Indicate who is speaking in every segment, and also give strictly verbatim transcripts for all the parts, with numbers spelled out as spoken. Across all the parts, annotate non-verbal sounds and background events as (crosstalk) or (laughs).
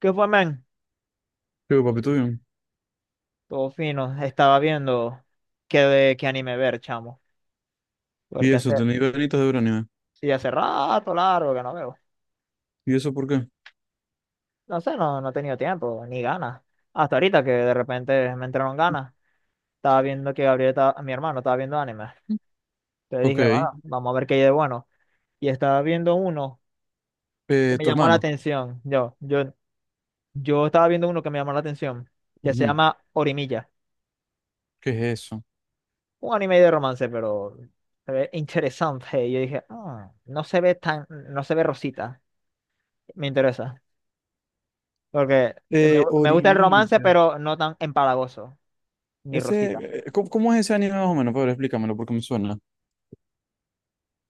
Speaker 1: ¿Qué fue, man?
Speaker 2: Yo, papi tuyo.
Speaker 1: Todo fino. Estaba viendo qué, de, qué anime ver, chamo.
Speaker 2: Y
Speaker 1: Porque
Speaker 2: eso,
Speaker 1: hace,
Speaker 2: tenéis ganitas de ver anime.
Speaker 1: sí, hace rato largo que no veo.
Speaker 2: ¿Y eso por qué?
Speaker 1: No sé, no, no he tenido tiempo, ni ganas. Hasta ahorita que de repente me entraron ganas. Estaba viendo que Gabriel, estaba- mi hermano, estaba viendo anime. Entonces
Speaker 2: Ok.
Speaker 1: dije, bueno, vamos a ver qué hay de bueno. Y estaba viendo uno que
Speaker 2: Eh,
Speaker 1: me
Speaker 2: tu
Speaker 1: llamó la
Speaker 2: hermano.
Speaker 1: atención. Yo, yo, yo estaba viendo uno que me llamó la atención. Que se
Speaker 2: Ujú.
Speaker 1: llama Orimilla.
Speaker 2: ¿Qué es eso?
Speaker 1: Un anime de romance, pero se ve interesante. Y yo dije: "Ah, no se ve tan, no se ve rosita. Me interesa. Porque me,
Speaker 2: Eh,
Speaker 1: gu- me gusta el romance,
Speaker 2: Orimilla.
Speaker 1: pero no tan empalagoso, ni rosita".
Speaker 2: Ese, eh, ¿cómo, cómo es ese anime más o menos? Pablo, explícamelo porque me suena.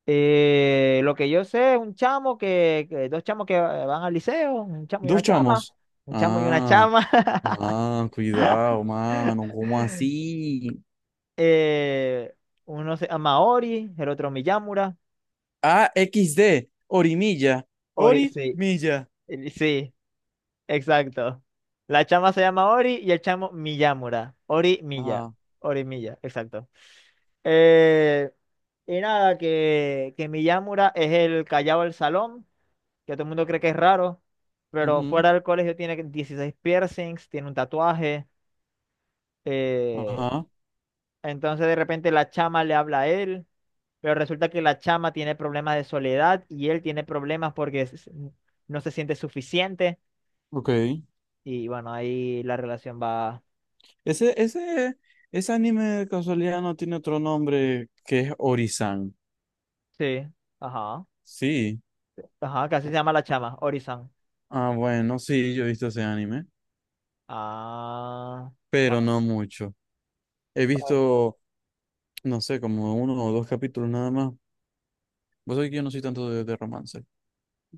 Speaker 1: Eh, lo que yo sé es un chamo que, que- dos chamos que eh, van al liceo, un chamo y
Speaker 2: Dos
Speaker 1: una chama,
Speaker 2: chamos.
Speaker 1: un chamo y una
Speaker 2: Ah,
Speaker 1: chama. (laughs)
Speaker 2: ah, cuidado, mano. ¿Cómo así?
Speaker 1: eh, Uno se llama Ori, el otro Miyamura.
Speaker 2: Ah, equis de. Orimilla.
Speaker 1: Ori, sí,
Speaker 2: Orimilla.
Speaker 1: eh, sí. Exacto. La chama se llama Ori y el chamo Miyamura. Ori Miya.
Speaker 2: Ajá.
Speaker 1: Ori Miya, exacto. Eh, y nada, que, que Miyamura es el callado del salón, que todo el mundo cree que es raro, pero
Speaker 2: Ujú.
Speaker 1: fuera del colegio tiene dieciséis piercings, tiene un tatuaje. eh,
Speaker 2: Ajá.
Speaker 1: entonces de repente la chama le habla a él, pero resulta que la chama tiene problemas de soledad y él tiene problemas porque s- no se siente suficiente.
Speaker 2: Ok.
Speaker 1: Y bueno, ahí la relación va.
Speaker 2: Ese, ese, ese anime de casualidad no tiene otro nombre que es Orisan.
Speaker 1: Sí, ajá,
Speaker 2: Sí,
Speaker 1: ajá, casi se llama la chama Ori-san.
Speaker 2: ah, bueno, sí, yo he visto ese anime,
Speaker 1: Ah,
Speaker 2: pero
Speaker 1: bueno,
Speaker 2: no mucho. He
Speaker 1: pero-
Speaker 2: visto, no sé, como uno o dos capítulos nada más. Vos sabés que yo no soy tanto de, de romance.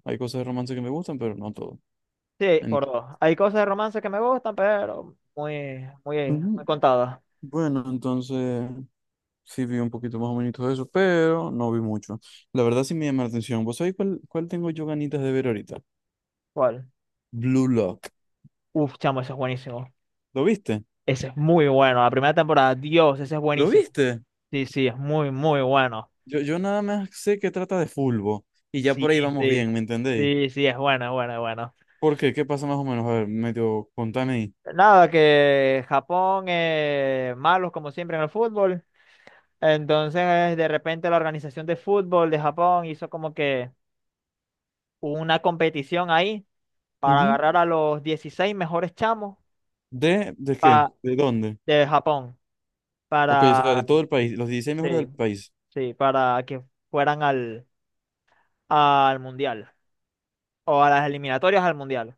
Speaker 2: Hay cosas de romance que me gustan, pero no todo.
Speaker 1: sí,
Speaker 2: En-
Speaker 1: por dos. Hay cosas de romance que me gustan, pero muy, muy, muy
Speaker 2: Ujú.
Speaker 1: contadas.
Speaker 2: Bueno, entonces sí vi un poquito más o menos de eso, pero no vi mucho. La verdad sí me llama la atención. ¿Vos sabés cuál, cuál tengo yo ganitas de ver ahorita?
Speaker 1: ¿Cuál?
Speaker 2: Blue Lock.
Speaker 1: Uf, chamo, ese es buenísimo.
Speaker 2: ¿Lo viste?
Speaker 1: Ese es muy bueno. La primera temporada, Dios, ese es
Speaker 2: ¿Lo
Speaker 1: buenísimo.
Speaker 2: viste?
Speaker 1: Sí, sí, es muy, muy bueno.
Speaker 2: Yo, yo nada más sé que trata de fulbo y ya
Speaker 1: Sí,
Speaker 2: por ahí vamos
Speaker 1: sí,
Speaker 2: bien, ¿me entendéis?
Speaker 1: sí, sí, es bueno, es bueno, es bueno.
Speaker 2: ¿Por qué? ¿Qué pasa más o menos? A ver, medio, contame ahí.
Speaker 1: Nada, que Japón, eh, malos como siempre en el fútbol. Entonces, de repente la organización de fútbol de Japón hizo como que una competición ahí para
Speaker 2: Ujú.
Speaker 1: agarrar a los dieciséis mejores chamos,
Speaker 2: ¿De, de qué?
Speaker 1: pa-
Speaker 2: ¿De dónde?
Speaker 1: de Japón,
Speaker 2: Ok, o
Speaker 1: para,
Speaker 2: sea, de todo el país, los dieciséis mejores
Speaker 1: sí,
Speaker 2: del país.
Speaker 1: sí, para que fueran al, al mundial o a las eliminatorias al mundial.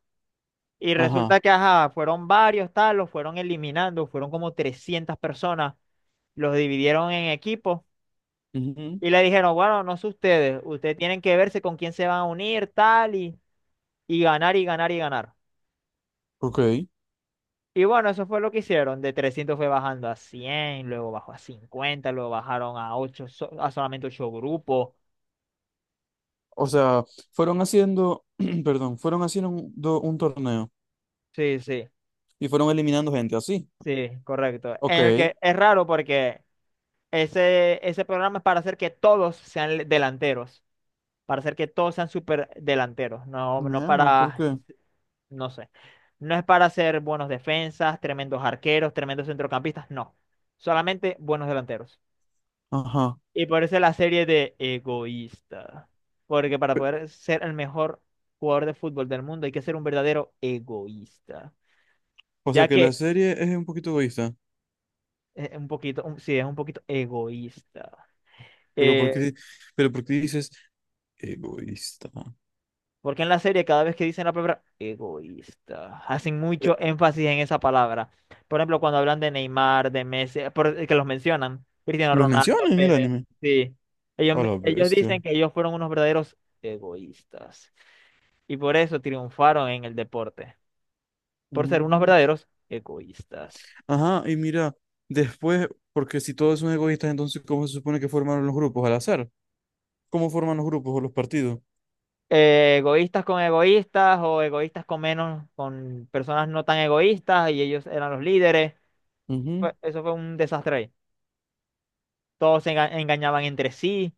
Speaker 1: Y
Speaker 2: Ajá.
Speaker 1: resulta que, ajá, fueron varios, tal, los fueron eliminando, fueron como trescientas personas, los dividieron en equipos
Speaker 2: Ujú.
Speaker 1: y le dijeron, bueno, no sé, ustedes, ustedes tienen que verse con quién se van a unir, tal, y, y ganar y ganar y ganar.
Speaker 2: Ok.
Speaker 1: Y bueno, eso fue lo que hicieron. De trescientos fue bajando a cien, luego bajó a cincuenta, luego bajaron a ocho, so, a solamente ocho grupos.
Speaker 2: O sea, fueron haciendo, (clears throat) perdón, fueron haciendo un, do- un torneo
Speaker 1: Sí, sí,
Speaker 2: y fueron eliminando gente así.
Speaker 1: sí, correcto.
Speaker 2: Ok.
Speaker 1: En el que es raro porque ese, ese programa es para hacer que todos sean le- delanteros, para hacer que todos sean super delanteros, no,
Speaker 2: Mi
Speaker 1: no
Speaker 2: ama, ¿por
Speaker 1: para,
Speaker 2: qué?
Speaker 1: no sé, no es para hacer buenos defensas, tremendos arqueros, tremendos centrocampistas, no, solamente buenos delanteros.
Speaker 2: Ajá.
Speaker 1: Y por eso la serie de egoísta. Porque para
Speaker 2: Pe-
Speaker 1: poder ser el mejor jugador de fútbol del mundo hay que ser un verdadero egoísta.
Speaker 2: O sea
Speaker 1: Ya
Speaker 2: que la
Speaker 1: que
Speaker 2: serie es un poquito egoísta.
Speaker 1: es un poquito, un- sí, es un poquito egoísta.
Speaker 2: Pero ¿por qué,
Speaker 1: Eh,
Speaker 2: di- pero por qué dices egoísta?
Speaker 1: Porque en la serie, cada vez que dicen la palabra egoísta, hacen
Speaker 2: Eh,
Speaker 1: mucho énfasis en esa palabra. Por ejemplo, cuando hablan de Neymar, de Messi, eh, por- eh, que los mencionan, Cristiano
Speaker 2: ¿lo
Speaker 1: Ronaldo,
Speaker 2: mencionan en el
Speaker 1: Pele,
Speaker 2: anime?
Speaker 1: sí. Ellos,
Speaker 2: A
Speaker 1: me-
Speaker 2: la
Speaker 1: ellos
Speaker 2: bestia.
Speaker 1: dicen que ellos fueron unos verdaderos egoístas. Y por eso triunfaron en el deporte. Por ser unos verdaderos egoístas.
Speaker 2: Ajá, y mira, después, porque si todos son egoístas, entonces ¿cómo se supone que formaron los grupos? Al azar. ¿Cómo forman los grupos o los partidos?
Speaker 1: Eh, egoístas con egoístas o egoístas con menos, con personas no tan egoístas, y ellos eran los líderes.
Speaker 2: Ujú.
Speaker 1: Fue- eso fue un desastre ahí. Todos se enga- engañaban entre sí.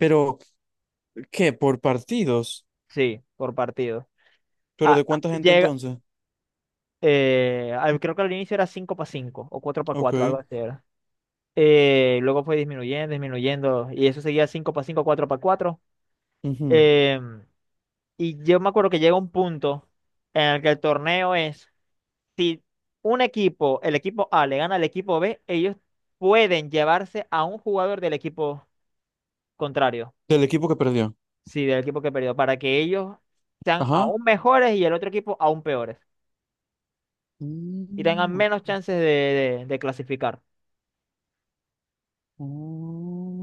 Speaker 2: Pero, ¿qué? ¿Por partidos?
Speaker 1: Sí, por partido.
Speaker 2: ¿Pero
Speaker 1: Ah,
Speaker 2: de
Speaker 1: ah,
Speaker 2: cuánta gente
Speaker 1: llega,
Speaker 2: entonces?
Speaker 1: eh, al- creo que al inicio era cinco para cinco o cuatro para
Speaker 2: Ok.
Speaker 1: cuatro, algo así era. Eh, luego fue disminuyendo, disminuyendo, y eso seguía cinco para cinco, cuatro para cuatro.
Speaker 2: Ujú.
Speaker 1: Em, y yo me acuerdo que llega un punto en el que el torneo es, si un equipo, el equipo A le gana al equipo B, ellos pueden llevarse a un jugador del equipo contrario.
Speaker 2: Del equipo que perdió.
Speaker 1: Sí, del equipo que perdió, para que ellos sean
Speaker 2: Ajá.
Speaker 1: aún mejores y el otro equipo aún peores, y tengan
Speaker 2: Mm,
Speaker 1: menos chances de, de- de clasificar.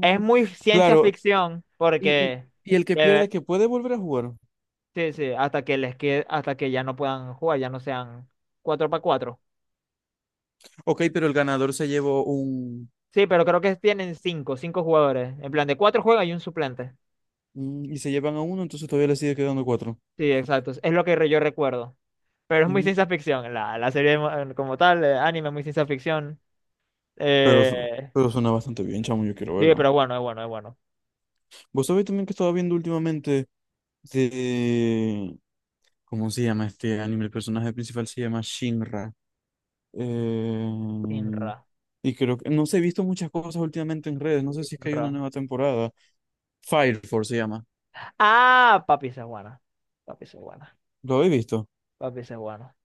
Speaker 1: Es muy ciencia
Speaker 2: Claro.
Speaker 1: ficción
Speaker 2: Y, y,
Speaker 1: porque
Speaker 2: y el que pierde,
Speaker 1: debe-
Speaker 2: que puede volver a jugar.
Speaker 1: sí, sí, hasta que les quede, hasta que ya no puedan jugar, ya no sean cuatro para cuatro.
Speaker 2: Ok, pero el ganador se llevó un...
Speaker 1: Sí, pero creo que tienen cinco, cinco jugadores. En plan, de cuatro juegan y un suplente.
Speaker 2: un- Y se llevan a uno, entonces todavía le sigue quedando cuatro.
Speaker 1: Sí, exacto. Es lo que re- yo recuerdo. Pero es muy
Speaker 2: Mm.
Speaker 1: ciencia ficción. La, la serie mo- eh, como tal, eh, anime, muy ciencia ficción.
Speaker 2: Pero, su-
Speaker 1: Eh,
Speaker 2: pero suena bastante bien, chamo, yo quiero
Speaker 1: sí,
Speaker 2: verlo.
Speaker 1: pero bueno, es bueno, es bueno.
Speaker 2: Vos sabés también que estaba viendo últimamente de... ¿Cómo se llama este anime? El personaje principal se llama Shinra. Eh,
Speaker 1: Inra.
Speaker 2: Y creo que... No sé, he visto muchas cosas últimamente en redes. No sé si es que hay una
Speaker 1: Ra-
Speaker 2: nueva temporada. Fire Force se llama.
Speaker 1: Ah, papi, esa es buena. Papi, esa es buena.
Speaker 2: ¿Lo he visto?
Speaker 1: Papi, esa es buena.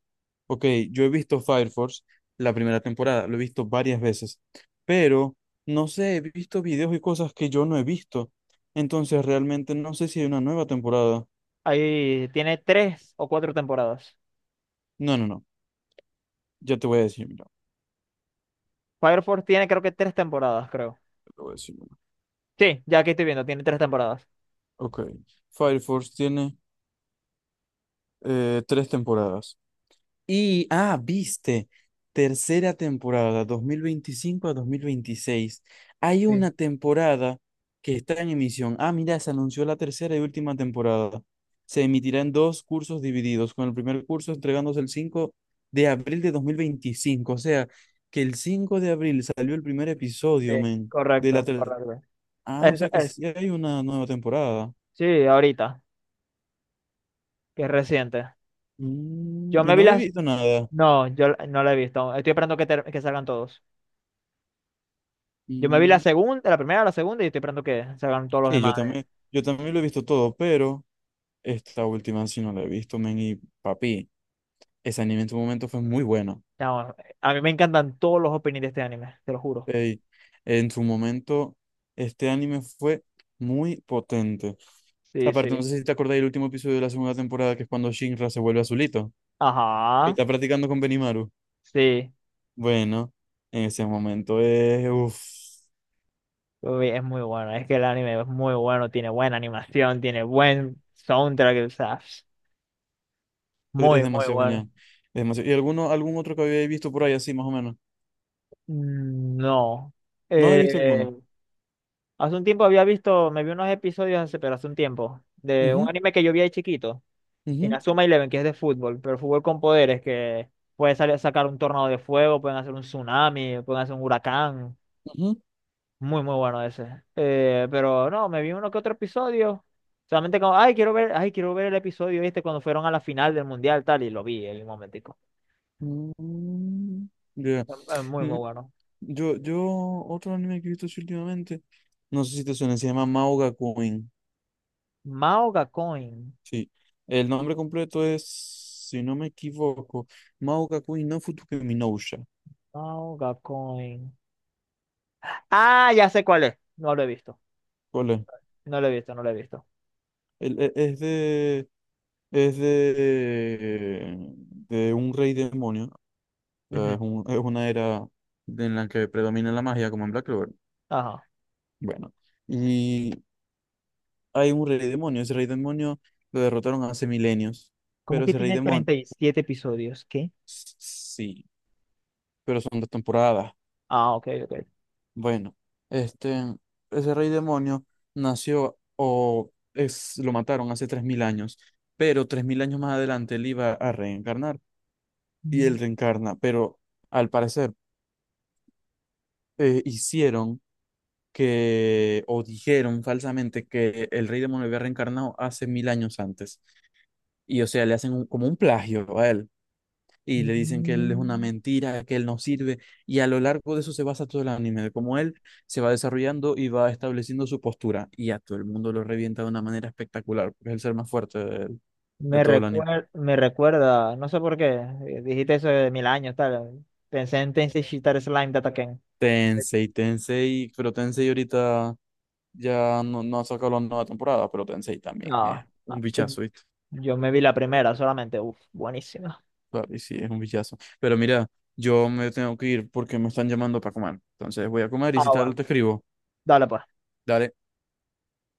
Speaker 2: Ok, yo he visto Fire Force la primera temporada. Lo he visto varias veces. Pero, no sé, he visto videos y cosas que yo no he visto. Entonces, realmente no sé si hay una nueva temporada.
Speaker 1: Ahí tiene tres o cuatro temporadas.
Speaker 2: No, no, no. Ya te voy a decir, mira.
Speaker 1: Fire Force tiene creo que tres temporadas, creo.
Speaker 2: Te voy a decir.
Speaker 1: Sí, ya aquí estoy viendo, tiene tres temporadas.
Speaker 2: Ok. Fire Force tiene eh, tres temporadas. Y, ah, viste, tercera temporada, dos mil veinticinco a dos mil veintiséis. Hay
Speaker 1: Sí,
Speaker 2: una temporada que está en emisión. Ah, mira, se anunció la tercera y última temporada. Se emitirá en dos cursos divididos, con el primer curso entregándose el cinco de abril de dos mil veinticinco. O sea, que el cinco de abril salió el primer
Speaker 1: sí,
Speaker 2: episodio, men, de la
Speaker 1: correcto,
Speaker 2: ter-
Speaker 1: correcto.
Speaker 2: Ah, o
Speaker 1: Es-
Speaker 2: sea que
Speaker 1: es-
Speaker 2: sí hay una nueva temporada.
Speaker 1: sí, ahorita, que es reciente.
Speaker 2: Mm,
Speaker 1: Yo
Speaker 2: y
Speaker 1: me vi
Speaker 2: no he
Speaker 1: las...
Speaker 2: visto nada.
Speaker 1: No, yo la- no la he visto. Estoy esperando que, ter- que salgan todos. Yo me vi la
Speaker 2: Mm.
Speaker 1: segunda, la primera, la segunda y estoy esperando que salgan todos los
Speaker 2: Sí, yo
Speaker 1: demás. de-
Speaker 2: también, yo también lo he visto todo, pero esta última sí no la he visto, men, y papi, ese anime en su momento fue muy bueno.
Speaker 1: No, a mí me encantan todos los openings de este anime, te lo juro.
Speaker 2: Ey, en su momento, este anime fue muy potente.
Speaker 1: Sí,
Speaker 2: Aparte,
Speaker 1: sí.
Speaker 2: no sé si te acordás del último episodio de la segunda temporada, que es cuando Shinra se vuelve azulito, que
Speaker 1: Ajá.
Speaker 2: está practicando con Benimaru.
Speaker 1: Sí,
Speaker 2: Bueno, en ese momento es, uf,
Speaker 1: uy, es muy bueno. Es que el anime es muy bueno, tiene buena animación, tiene buen soundtrack, o sea,
Speaker 2: es, es
Speaker 1: muy, muy
Speaker 2: demasiado
Speaker 1: bueno.
Speaker 2: genial. Es demasiado- ¿Y alguno, algún otro que había visto por ahí así, más o menos?
Speaker 1: Mm. No.
Speaker 2: No he visto alguno.
Speaker 1: Eh, hace un tiempo había visto, me vi unos episodios hace, pero hace un tiempo, de un
Speaker 2: Ujú,
Speaker 1: anime que yo vi ahí chiquito,
Speaker 2: ujú,
Speaker 1: Inazuma Eleven, que es de fútbol, pero fútbol con poderes, que puede salir, sacar un tornado de fuego, pueden hacer un tsunami, pueden hacer un huracán.
Speaker 2: ujú.
Speaker 1: Muy, muy bueno ese. Eh, pero no, me vi uno que otro episodio. Solamente como, ay, quiero ver, ay, quiero ver el episodio este cuando fueron a la final del mundial, tal, y lo vi en un momentico.
Speaker 2: Mm, ya.
Speaker 1: Eh, Muy, muy
Speaker 2: Mm.
Speaker 1: bueno.
Speaker 2: Yo, yo, otro anime que he visto así últimamente, no sé si te suena, se llama Mauga Queen.
Speaker 1: Mao Gacoin.
Speaker 2: Sí, el nombre completo es, si no me equivoco, Mauga Queen no Futuke Minousha.
Speaker 1: Mao Gacoin. Ah, ya sé cuál es. No lo he visto.
Speaker 2: ¿Cuál es?
Speaker 1: No lo he visto, no lo he visto.
Speaker 2: El- e- es de, es de, de un rey demonio. O sea,
Speaker 1: Ujú.
Speaker 2: Es, un- es una era de- en la que predomina la magia, como en Black Clover.
Speaker 1: Ajá.
Speaker 2: Bueno, hay un rey demonio. Ese rey demonio lo derrotaron hace milenios.
Speaker 1: ¿Cómo
Speaker 2: Pero
Speaker 1: que
Speaker 2: ese rey
Speaker 1: tiene
Speaker 2: demonio,
Speaker 1: treinta y siete episodios? ¿Qué?
Speaker 2: sí, pero son dos temporadas.
Speaker 1: Ah, ok, ok.
Speaker 2: Bueno, este, ese rey demonio nació o es, lo mataron hace tres mil años. Pero tres mil años más adelante él iba a reencarnar y él
Speaker 1: Mm,
Speaker 2: reencarna. Pero al parecer eh, hicieron que, o dijeron falsamente que el rey demonio había reencarnado hace mil años antes. Y o sea, le hacen un- como un plagio a él. Y le dicen que él es una
Speaker 1: mm.
Speaker 2: mentira, que él no sirve, y a lo largo de eso se basa todo el anime, de cómo él se va desarrollando y va estableciendo su postura, y a todo el mundo lo revienta de una manera espectacular, porque es el ser más fuerte de, de,
Speaker 1: Me
Speaker 2: todo el anime.
Speaker 1: recuer- me recuerda, no sé por qué, eh, dijiste eso de mil años, tal. Pensé en Tensei Shitara Slime de Ataken.
Speaker 2: Tensei, Tensei, pero Tensei ahorita ya no, no ha sacado la nueva temporada, pero Tensei también es
Speaker 1: No,
Speaker 2: un
Speaker 1: ah, eh,
Speaker 2: bichazo, ¿viste?
Speaker 1: yo me vi la primera solamente, uff, buenísima.
Speaker 2: Papi, sí, es un bichazo. Pero mira, yo me tengo que ir porque me están llamando para comer, entonces voy a comer y si
Speaker 1: Ah,
Speaker 2: tal
Speaker 1: bueno,
Speaker 2: te escribo.
Speaker 1: dale pues.
Speaker 2: Dale.